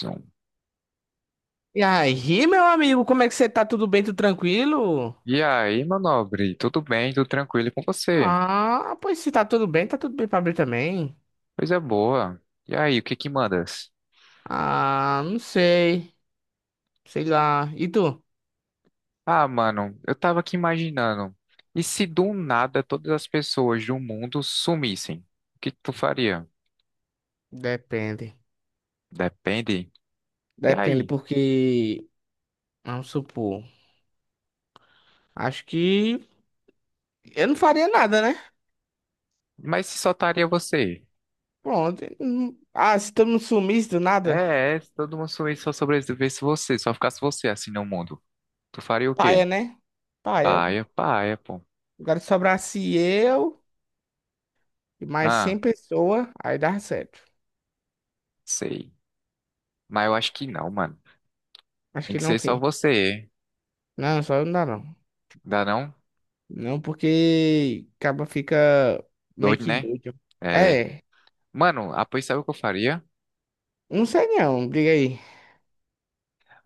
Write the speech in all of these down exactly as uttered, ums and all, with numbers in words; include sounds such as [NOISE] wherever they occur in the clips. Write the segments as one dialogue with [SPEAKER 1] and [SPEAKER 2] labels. [SPEAKER 1] Zoom.
[SPEAKER 2] E aí, meu amigo, como é que você tá? Tudo bem, tudo tranquilo?
[SPEAKER 1] E aí, meu nobre, tudo bem? Tudo tranquilo com você?
[SPEAKER 2] Ah, pois se tá tudo bem, tá tudo bem pra abrir também.
[SPEAKER 1] Coisa boa. E aí, o que que mandas?
[SPEAKER 2] Ah, não sei. Sei lá. E tu?
[SPEAKER 1] Ah, mano, eu tava aqui imaginando. E se do nada todas as pessoas do mundo sumissem? O que que tu faria?
[SPEAKER 2] Depende.
[SPEAKER 1] Depende. E
[SPEAKER 2] Depende,
[SPEAKER 1] aí?
[SPEAKER 2] porque. Vamos supor. Acho que eu não faria nada, né?
[SPEAKER 1] Mas se só estaria você?
[SPEAKER 2] Pronto. Hum, Ah, se todo mundo sumisse do nada,
[SPEAKER 1] É, é, se todo mundo sumisse, só sobrevivesse você, só ficasse você assim no mundo. Tu faria o
[SPEAKER 2] paia,
[SPEAKER 1] quê?
[SPEAKER 2] né? Paia.
[SPEAKER 1] Paia, paia, pô.
[SPEAKER 2] Agora sobrasse eu e mais cem
[SPEAKER 1] Ah,
[SPEAKER 2] pessoas, aí dá certo.
[SPEAKER 1] sei. Mas eu acho que não, mano.
[SPEAKER 2] Acho
[SPEAKER 1] Tem
[SPEAKER 2] que
[SPEAKER 1] que
[SPEAKER 2] não, o
[SPEAKER 1] ser só
[SPEAKER 2] quê?
[SPEAKER 1] você.
[SPEAKER 2] Não, só eu não dá, não.
[SPEAKER 1] Dá não?
[SPEAKER 2] Não porque acaba fica meio
[SPEAKER 1] Doido,
[SPEAKER 2] que
[SPEAKER 1] né?
[SPEAKER 2] doido.
[SPEAKER 1] É,
[SPEAKER 2] É,
[SPEAKER 1] mano, ah, pois sabe o que eu faria?
[SPEAKER 2] não sei não, diga aí.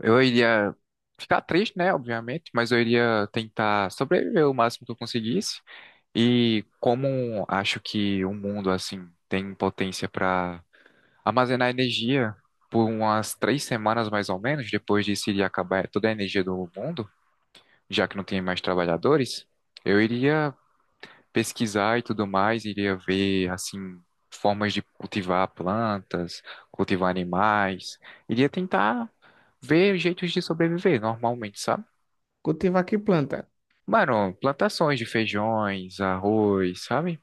[SPEAKER 1] Eu iria ficar triste, né, obviamente, mas eu iria tentar sobreviver o máximo que eu conseguisse. E como acho que o mundo, assim, tem potência para armazenar energia por umas três semanas mais ou menos, depois disso iria acabar toda a energia do mundo, já que não tem mais trabalhadores, eu iria pesquisar e tudo mais, iria ver assim formas de cultivar plantas, cultivar animais, iria tentar ver jeitos de sobreviver normalmente, sabe?
[SPEAKER 2] Cultivar que planta?
[SPEAKER 1] Mano, plantações de feijões, arroz, sabe?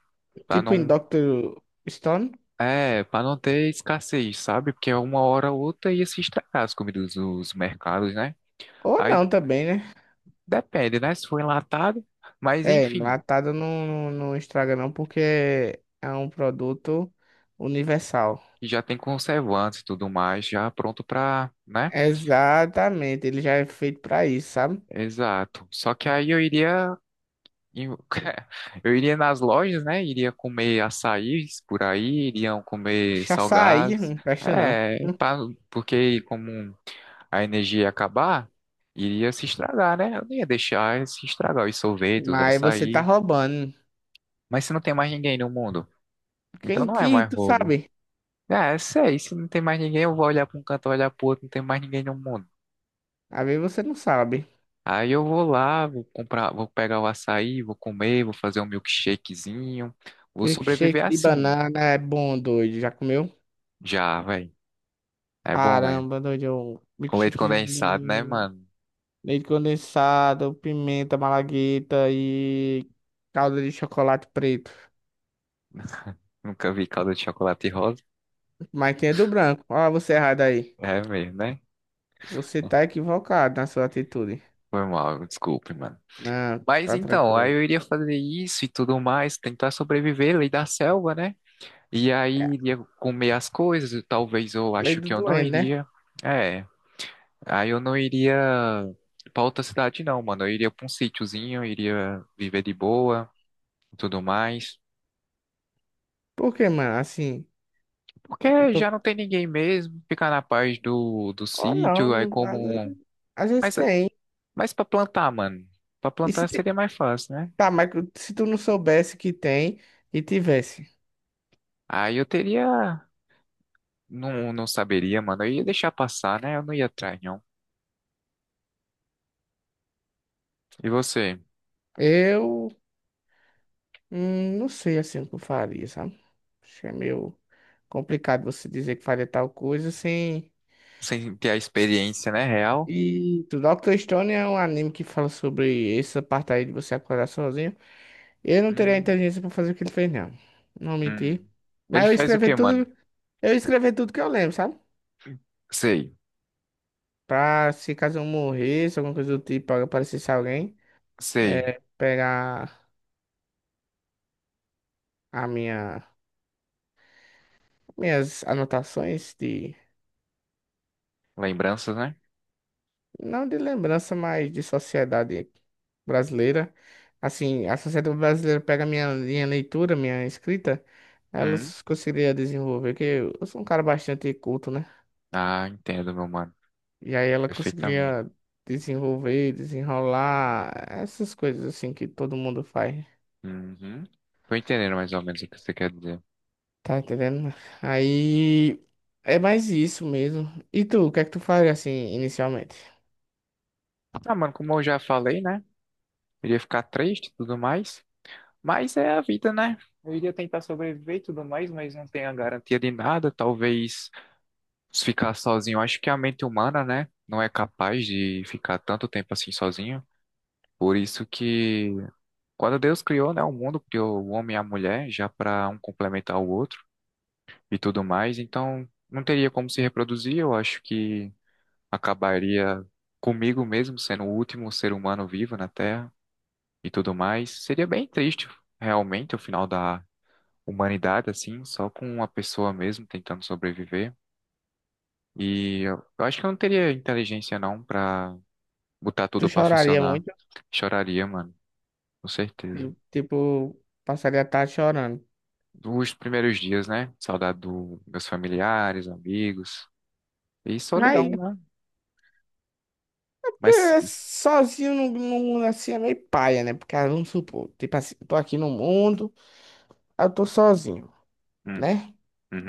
[SPEAKER 1] Pra
[SPEAKER 2] Tipo em
[SPEAKER 1] não
[SPEAKER 2] doutor Stone?
[SPEAKER 1] é, Para não ter escassez, sabe? Porque uma hora ou outra ia se estragar as comidas dos mercados, né?
[SPEAKER 2] Ou
[SPEAKER 1] Aí
[SPEAKER 2] não também, né?
[SPEAKER 1] depende, né? Se for enlatado, mas
[SPEAKER 2] É,
[SPEAKER 1] enfim,
[SPEAKER 2] enlatado não, não, não estraga não, porque é um produto universal.
[SPEAKER 1] já tem conservantes e tudo mais, já pronto pra, né?
[SPEAKER 2] Exatamente, ele já é feito pra isso, sabe?
[SPEAKER 1] Exato. Só que aí eu iria em- [LAUGHS] eu iria nas lojas, né? Iria comer açaís por aí, iriam comer
[SPEAKER 2] Açaí
[SPEAKER 1] salgados.
[SPEAKER 2] não presta não.
[SPEAKER 1] É, pra- porque como a energia ia acabar, iria se estragar, né? Eu não ia deixar se estragar os sorvetes, os
[SPEAKER 2] Mas você tá
[SPEAKER 1] açaí.
[SPEAKER 2] roubando.
[SPEAKER 1] Mas se não tem mais ninguém no mundo, então
[SPEAKER 2] Quem
[SPEAKER 1] não é
[SPEAKER 2] que
[SPEAKER 1] mais
[SPEAKER 2] tu
[SPEAKER 1] roubo.
[SPEAKER 2] sabe?
[SPEAKER 1] É, sei, se não tem mais ninguém, eu vou olhar para um canto, olhar pro outro, não tem mais ninguém no mundo.
[SPEAKER 2] Às vezes você não sabe.
[SPEAKER 1] Aí eu vou lá, vou comprar, vou pegar o açaí, vou comer, vou fazer um milkshakezinho. Vou
[SPEAKER 2] Milkshake
[SPEAKER 1] sobreviver
[SPEAKER 2] de
[SPEAKER 1] assim,
[SPEAKER 2] banana é bom, doido. Já comeu?
[SPEAKER 1] já, velho. É bom, velho.
[SPEAKER 2] Caramba, doido. eu-
[SPEAKER 1] Com leite
[SPEAKER 2] Milkshake
[SPEAKER 1] condensado, né,
[SPEAKER 2] de
[SPEAKER 1] mano?
[SPEAKER 2] leite condensado, pimenta, malagueta e calda de chocolate preto.
[SPEAKER 1] Nunca vi calda de chocolate rosa.
[SPEAKER 2] Mas tem é do branco. Olha você errado aí.
[SPEAKER 1] É mesmo, né?
[SPEAKER 2] Você tá equivocado na sua atitude.
[SPEAKER 1] Foi mal, desculpe, mano.
[SPEAKER 2] Não,
[SPEAKER 1] Mas
[SPEAKER 2] tá
[SPEAKER 1] então, aí
[SPEAKER 2] tranquilo.
[SPEAKER 1] eu iria fazer isso e tudo mais, tentar sobreviver, lei da selva, né? E
[SPEAKER 2] É,
[SPEAKER 1] aí iria comer as coisas, talvez eu
[SPEAKER 2] lei
[SPEAKER 1] acho
[SPEAKER 2] do
[SPEAKER 1] que eu não
[SPEAKER 2] doente, né?
[SPEAKER 1] iria. É. Aí eu não iria pra outra cidade, não, mano. Eu iria pra um sítiozinho, eu iria viver de boa e tudo mais.
[SPEAKER 2] Por que, mano? Assim, eu
[SPEAKER 1] Porque
[SPEAKER 2] tô.
[SPEAKER 1] já não tem ninguém mesmo, ficar na paz do, do
[SPEAKER 2] Oh,
[SPEAKER 1] sítio,
[SPEAKER 2] não.
[SPEAKER 1] aí
[SPEAKER 2] Às
[SPEAKER 1] como.
[SPEAKER 2] vezes às vezes
[SPEAKER 1] Mas,
[SPEAKER 2] tem.
[SPEAKER 1] mas pra plantar, mano. Pra
[SPEAKER 2] E se
[SPEAKER 1] plantar
[SPEAKER 2] tem.
[SPEAKER 1] seria mais fácil, né?
[SPEAKER 2] Tá, mas se tu não soubesse que tem e tivesse?
[SPEAKER 1] Aí eu teria. Não, não saberia, mano. Eu ia deixar passar, né? Eu não ia atrás, não. E você?
[SPEAKER 2] Eu Hum, não sei assim o que eu faria, sabe? Acho que é meio complicado você dizer que faria tal coisa sem.
[SPEAKER 1] Sem ter a experiência, né? Real?
[SPEAKER 2] E o doutor Stone é um anime que fala sobre essa parte aí de você acordar sozinho. Eu não teria a
[SPEAKER 1] Hum,
[SPEAKER 2] inteligência pra fazer o que ele fez, não. Não menti.
[SPEAKER 1] hum. Ele
[SPEAKER 2] Mas eu
[SPEAKER 1] faz o
[SPEAKER 2] escrevi
[SPEAKER 1] quê, mano?
[SPEAKER 2] tudo, eu escrevi tudo que eu lembro, sabe?
[SPEAKER 1] Sei,
[SPEAKER 2] Pra se caso eu morresse, alguma coisa do tipo, aparecesse alguém,
[SPEAKER 1] sei.
[SPEAKER 2] é, pegar a minha, minhas anotações de.
[SPEAKER 1] Lembranças,
[SPEAKER 2] Não de lembrança, mas de sociedade brasileira. Assim, a sociedade brasileira pega minha, minha leitura, minha escrita,
[SPEAKER 1] né?
[SPEAKER 2] elas conseguiria desenvolver, que eu sou um cara bastante culto, né?
[SPEAKER 1] Ah, entendo, meu mano.
[SPEAKER 2] E aí ela
[SPEAKER 1] Perfeitamente.
[SPEAKER 2] conseguiria desenvolver, desenrolar, essas coisas assim que todo mundo faz.
[SPEAKER 1] Uhum. Tô entendendo mais ou menos o que você quer dizer.
[SPEAKER 2] Tá entendendo? Aí é mais isso mesmo. E tu, o que é que tu faria assim inicialmente?
[SPEAKER 1] Ah, mano, como eu já falei, né? Eu ia ficar triste e tudo mais. Mas é a vida, né? Eu iria tentar sobreviver e tudo mais, mas não tenho a garantia de nada. Talvez se ficar sozinho. Acho que a mente humana, né? Não é capaz de ficar tanto tempo assim sozinho. Por isso que quando Deus criou, né, o mundo, criou o homem e a mulher, já para um complementar o outro e tudo mais, então não teria como se reproduzir. Eu acho que acabaria comigo mesmo sendo o último ser humano vivo na Terra e tudo mais. Seria bem triste, realmente, o final da humanidade, assim, só com uma pessoa mesmo tentando sobreviver. E eu eu acho que eu não teria inteligência, não, pra botar
[SPEAKER 2] Tu
[SPEAKER 1] tudo pra
[SPEAKER 2] choraria
[SPEAKER 1] funcionar.
[SPEAKER 2] muito?
[SPEAKER 1] Choraria, mano, com certeza.
[SPEAKER 2] Eu, tipo, passaria a tarde chorando.
[SPEAKER 1] Os primeiros dias, né? Saudade dos meus familiares, amigos e
[SPEAKER 2] Mas
[SPEAKER 1] solidão, né? Mas.
[SPEAKER 2] porque sozinho não no assim é meio paia, né? Porque ah, vamos supor, tipo assim, eu tô aqui no mundo, aí eu tô sozinho,
[SPEAKER 1] Hum,
[SPEAKER 2] né?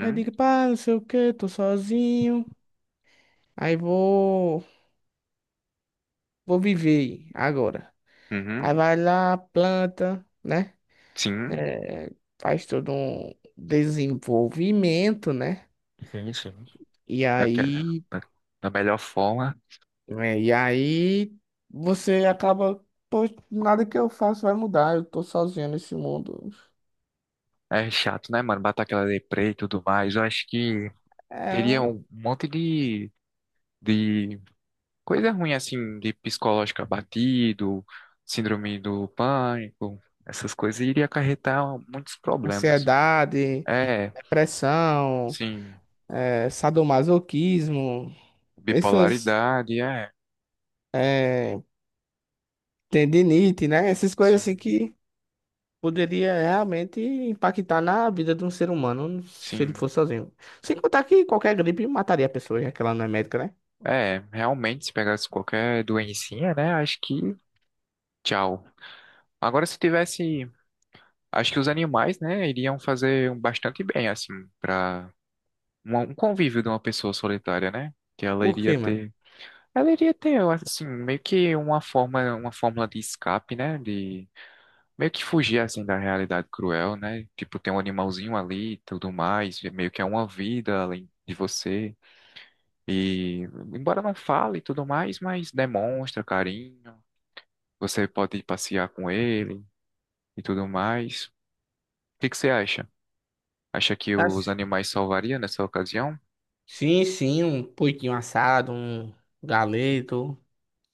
[SPEAKER 2] Aí eu digo, pá, não sei o que, tô sozinho. Aí vou, vou viver agora.
[SPEAKER 1] uhum,
[SPEAKER 2] Aí vai lá, planta, né?
[SPEAKER 1] sim.
[SPEAKER 2] É, faz todo um desenvolvimento, né?
[SPEAKER 1] Sim, sim.
[SPEAKER 2] E
[SPEAKER 1] daquela,
[SPEAKER 2] aí,
[SPEAKER 1] da, da melhor forma.
[SPEAKER 2] é, e aí você acaba, pô, nada que eu faço vai mudar, eu tô sozinho nesse mundo.
[SPEAKER 1] É chato, né, mano? Bater aquela deprê e tudo mais. Eu acho que
[SPEAKER 2] É.
[SPEAKER 1] teria um monte de, de coisa ruim, assim, de psicológico abatido, síndrome do pânico, essas coisas iria acarretar muitos problemas.
[SPEAKER 2] Ansiedade,
[SPEAKER 1] É,
[SPEAKER 2] depressão,
[SPEAKER 1] sim,
[SPEAKER 2] eh, sadomasoquismo, essas
[SPEAKER 1] bipolaridade, é,
[SPEAKER 2] eh, tendinite, né? Essas coisas
[SPEAKER 1] sim,
[SPEAKER 2] assim que poderia realmente impactar na vida de um ser humano se ele
[SPEAKER 1] sim.
[SPEAKER 2] fosse sozinho. Sem contar que qualquer gripe mataria a pessoa, já que ela não é médica, né?
[SPEAKER 1] É, realmente, se pegasse qualquer doencinha, né, acho que tchau. Agora, se tivesse. Acho que os animais, né, iriam fazer um bastante bem, assim, para um convívio de uma pessoa solitária, né? Que ela
[SPEAKER 2] Por
[SPEAKER 1] iria
[SPEAKER 2] quê, mano?
[SPEAKER 1] ter, ela iria ter, assim, meio que uma forma, uma fórmula de escape, né? De meio que fugir, assim, da realidade cruel, né? Tipo, tem um animalzinho ali e tudo mais, e meio que é uma vida além de você. E, embora não fale e tudo mais, mas demonstra carinho, você pode passear com ele e tudo mais. O que que você acha? Acha que os
[SPEAKER 2] Acho.
[SPEAKER 1] animais salvaria nessa ocasião?
[SPEAKER 2] Sim, sim, um porquinho assado, um galeto.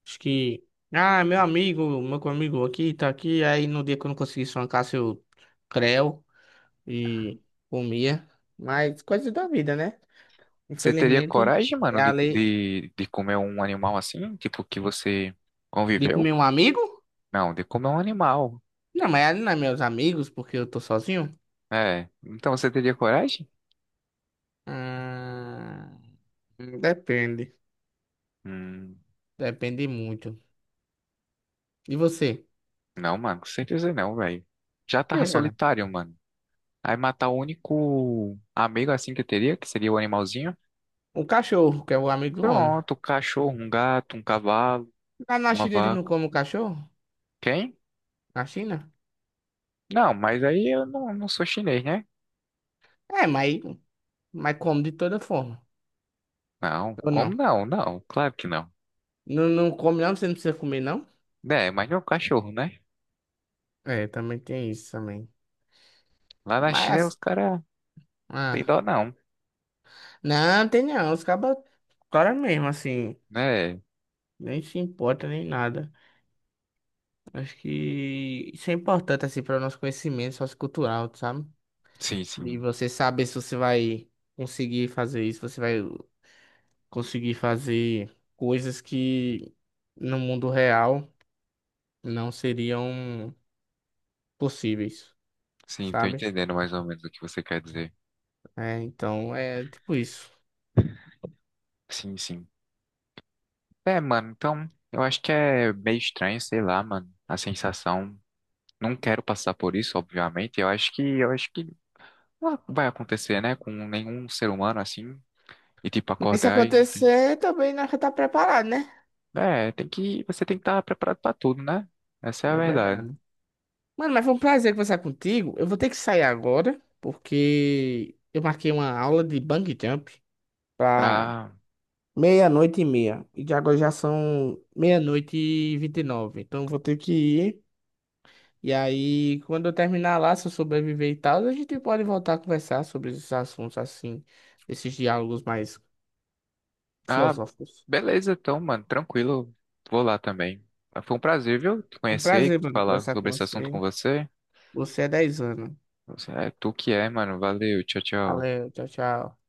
[SPEAKER 2] Acho que. Ah, meu amigo, meu amigo aqui, tá aqui. Aí no dia que eu não consegui sonhar, eu creu e comia. Mas coisas da vida, né?
[SPEAKER 1] Você teria
[SPEAKER 2] Infelizmente,
[SPEAKER 1] coragem, mano,
[SPEAKER 2] é a
[SPEAKER 1] de,
[SPEAKER 2] lei
[SPEAKER 1] de, de comer um animal assim? Tipo, que você
[SPEAKER 2] de
[SPEAKER 1] conviveu?
[SPEAKER 2] comer um amigo?
[SPEAKER 1] Não, de comer um animal.
[SPEAKER 2] Não, mas é, não é meus amigos, porque eu tô sozinho.
[SPEAKER 1] É. Então você teria coragem?
[SPEAKER 2] Ah, depende.
[SPEAKER 1] Hum,
[SPEAKER 2] Depende muito. E você?
[SPEAKER 1] não, mano, com certeza não, velho. Já
[SPEAKER 2] Por quê,
[SPEAKER 1] tava
[SPEAKER 2] cara?
[SPEAKER 1] solitário, mano. Aí matar o único amigo assim que eu teria, que seria o animalzinho.
[SPEAKER 2] O cachorro, que é o amigo do homem.
[SPEAKER 1] Pronto, um cachorro, um gato, um cavalo,
[SPEAKER 2] Lá na
[SPEAKER 1] uma
[SPEAKER 2] China eles não
[SPEAKER 1] vaca.
[SPEAKER 2] comem cachorro?
[SPEAKER 1] Quem?
[SPEAKER 2] Na China?
[SPEAKER 1] Não, mas aí eu não, não sou chinês, né?
[SPEAKER 2] É, mas, mas come de toda forma.
[SPEAKER 1] Não,
[SPEAKER 2] Ou
[SPEAKER 1] como
[SPEAKER 2] não?
[SPEAKER 1] não? Não, claro que não.
[SPEAKER 2] Não, não come não? Você não precisa comer não?
[SPEAKER 1] É, mas não é um cachorro, né?
[SPEAKER 2] É, também tem isso também.
[SPEAKER 1] Lá na China os
[SPEAKER 2] Mas,
[SPEAKER 1] caras tem dó
[SPEAKER 2] ah,
[SPEAKER 1] não,
[SPEAKER 2] não, tem não. Os cabas, cara mesmo, assim,
[SPEAKER 1] né?
[SPEAKER 2] nem se importa nem nada. Acho que isso é importante, assim, para o nosso conhecimento sociocultural, sabe?
[SPEAKER 1] Sim,
[SPEAKER 2] De
[SPEAKER 1] sim.
[SPEAKER 2] você saber se você vai conseguir fazer isso, você vai conseguir fazer coisas que no mundo real não seriam possíveis,
[SPEAKER 1] Sim, tô
[SPEAKER 2] sabe?
[SPEAKER 1] entendendo mais ou menos o que você quer dizer.
[SPEAKER 2] É, então, é tipo isso.
[SPEAKER 1] Sim, sim. É, mano, então eu acho que é meio estranho, sei lá, mano, a sensação. Não quero passar por isso, obviamente. Eu acho que eu acho que não vai acontecer, né, com nenhum ser humano assim, e tipo
[SPEAKER 2] E se
[SPEAKER 1] acordar e
[SPEAKER 2] acontecer, também nós já tá preparado, né?
[SPEAKER 1] é, tem que você tem que estar preparado pra tudo, né? Essa é a
[SPEAKER 2] É
[SPEAKER 1] verdade.
[SPEAKER 2] verdade. Mano, mas foi um prazer conversar contigo. Eu vou ter que sair agora, porque eu marquei uma aula de bungee jump pra
[SPEAKER 1] Ah,
[SPEAKER 2] meia-noite e meia. E de agora já são meia-noite e vinte e nove. Então eu vou ter que ir. E aí, quando eu terminar lá, se eu sobreviver e tal, a gente pode voltar a conversar sobre esses assuntos assim, esses diálogos mais
[SPEAKER 1] Ah,
[SPEAKER 2] filosóficos.
[SPEAKER 1] beleza, então, mano, tranquilo. Vou lá também. Ah, foi um prazer, viu, te
[SPEAKER 2] Um
[SPEAKER 1] conhecer
[SPEAKER 2] prazer,
[SPEAKER 1] e
[SPEAKER 2] mano,
[SPEAKER 1] falar
[SPEAKER 2] conversar
[SPEAKER 1] sobre
[SPEAKER 2] com
[SPEAKER 1] esse assunto com
[SPEAKER 2] você.
[SPEAKER 1] você.
[SPEAKER 2] Você é dez anos.
[SPEAKER 1] Você é tu que é, mano. Valeu, tchau, tchau.
[SPEAKER 2] Valeu, tchau, tchau.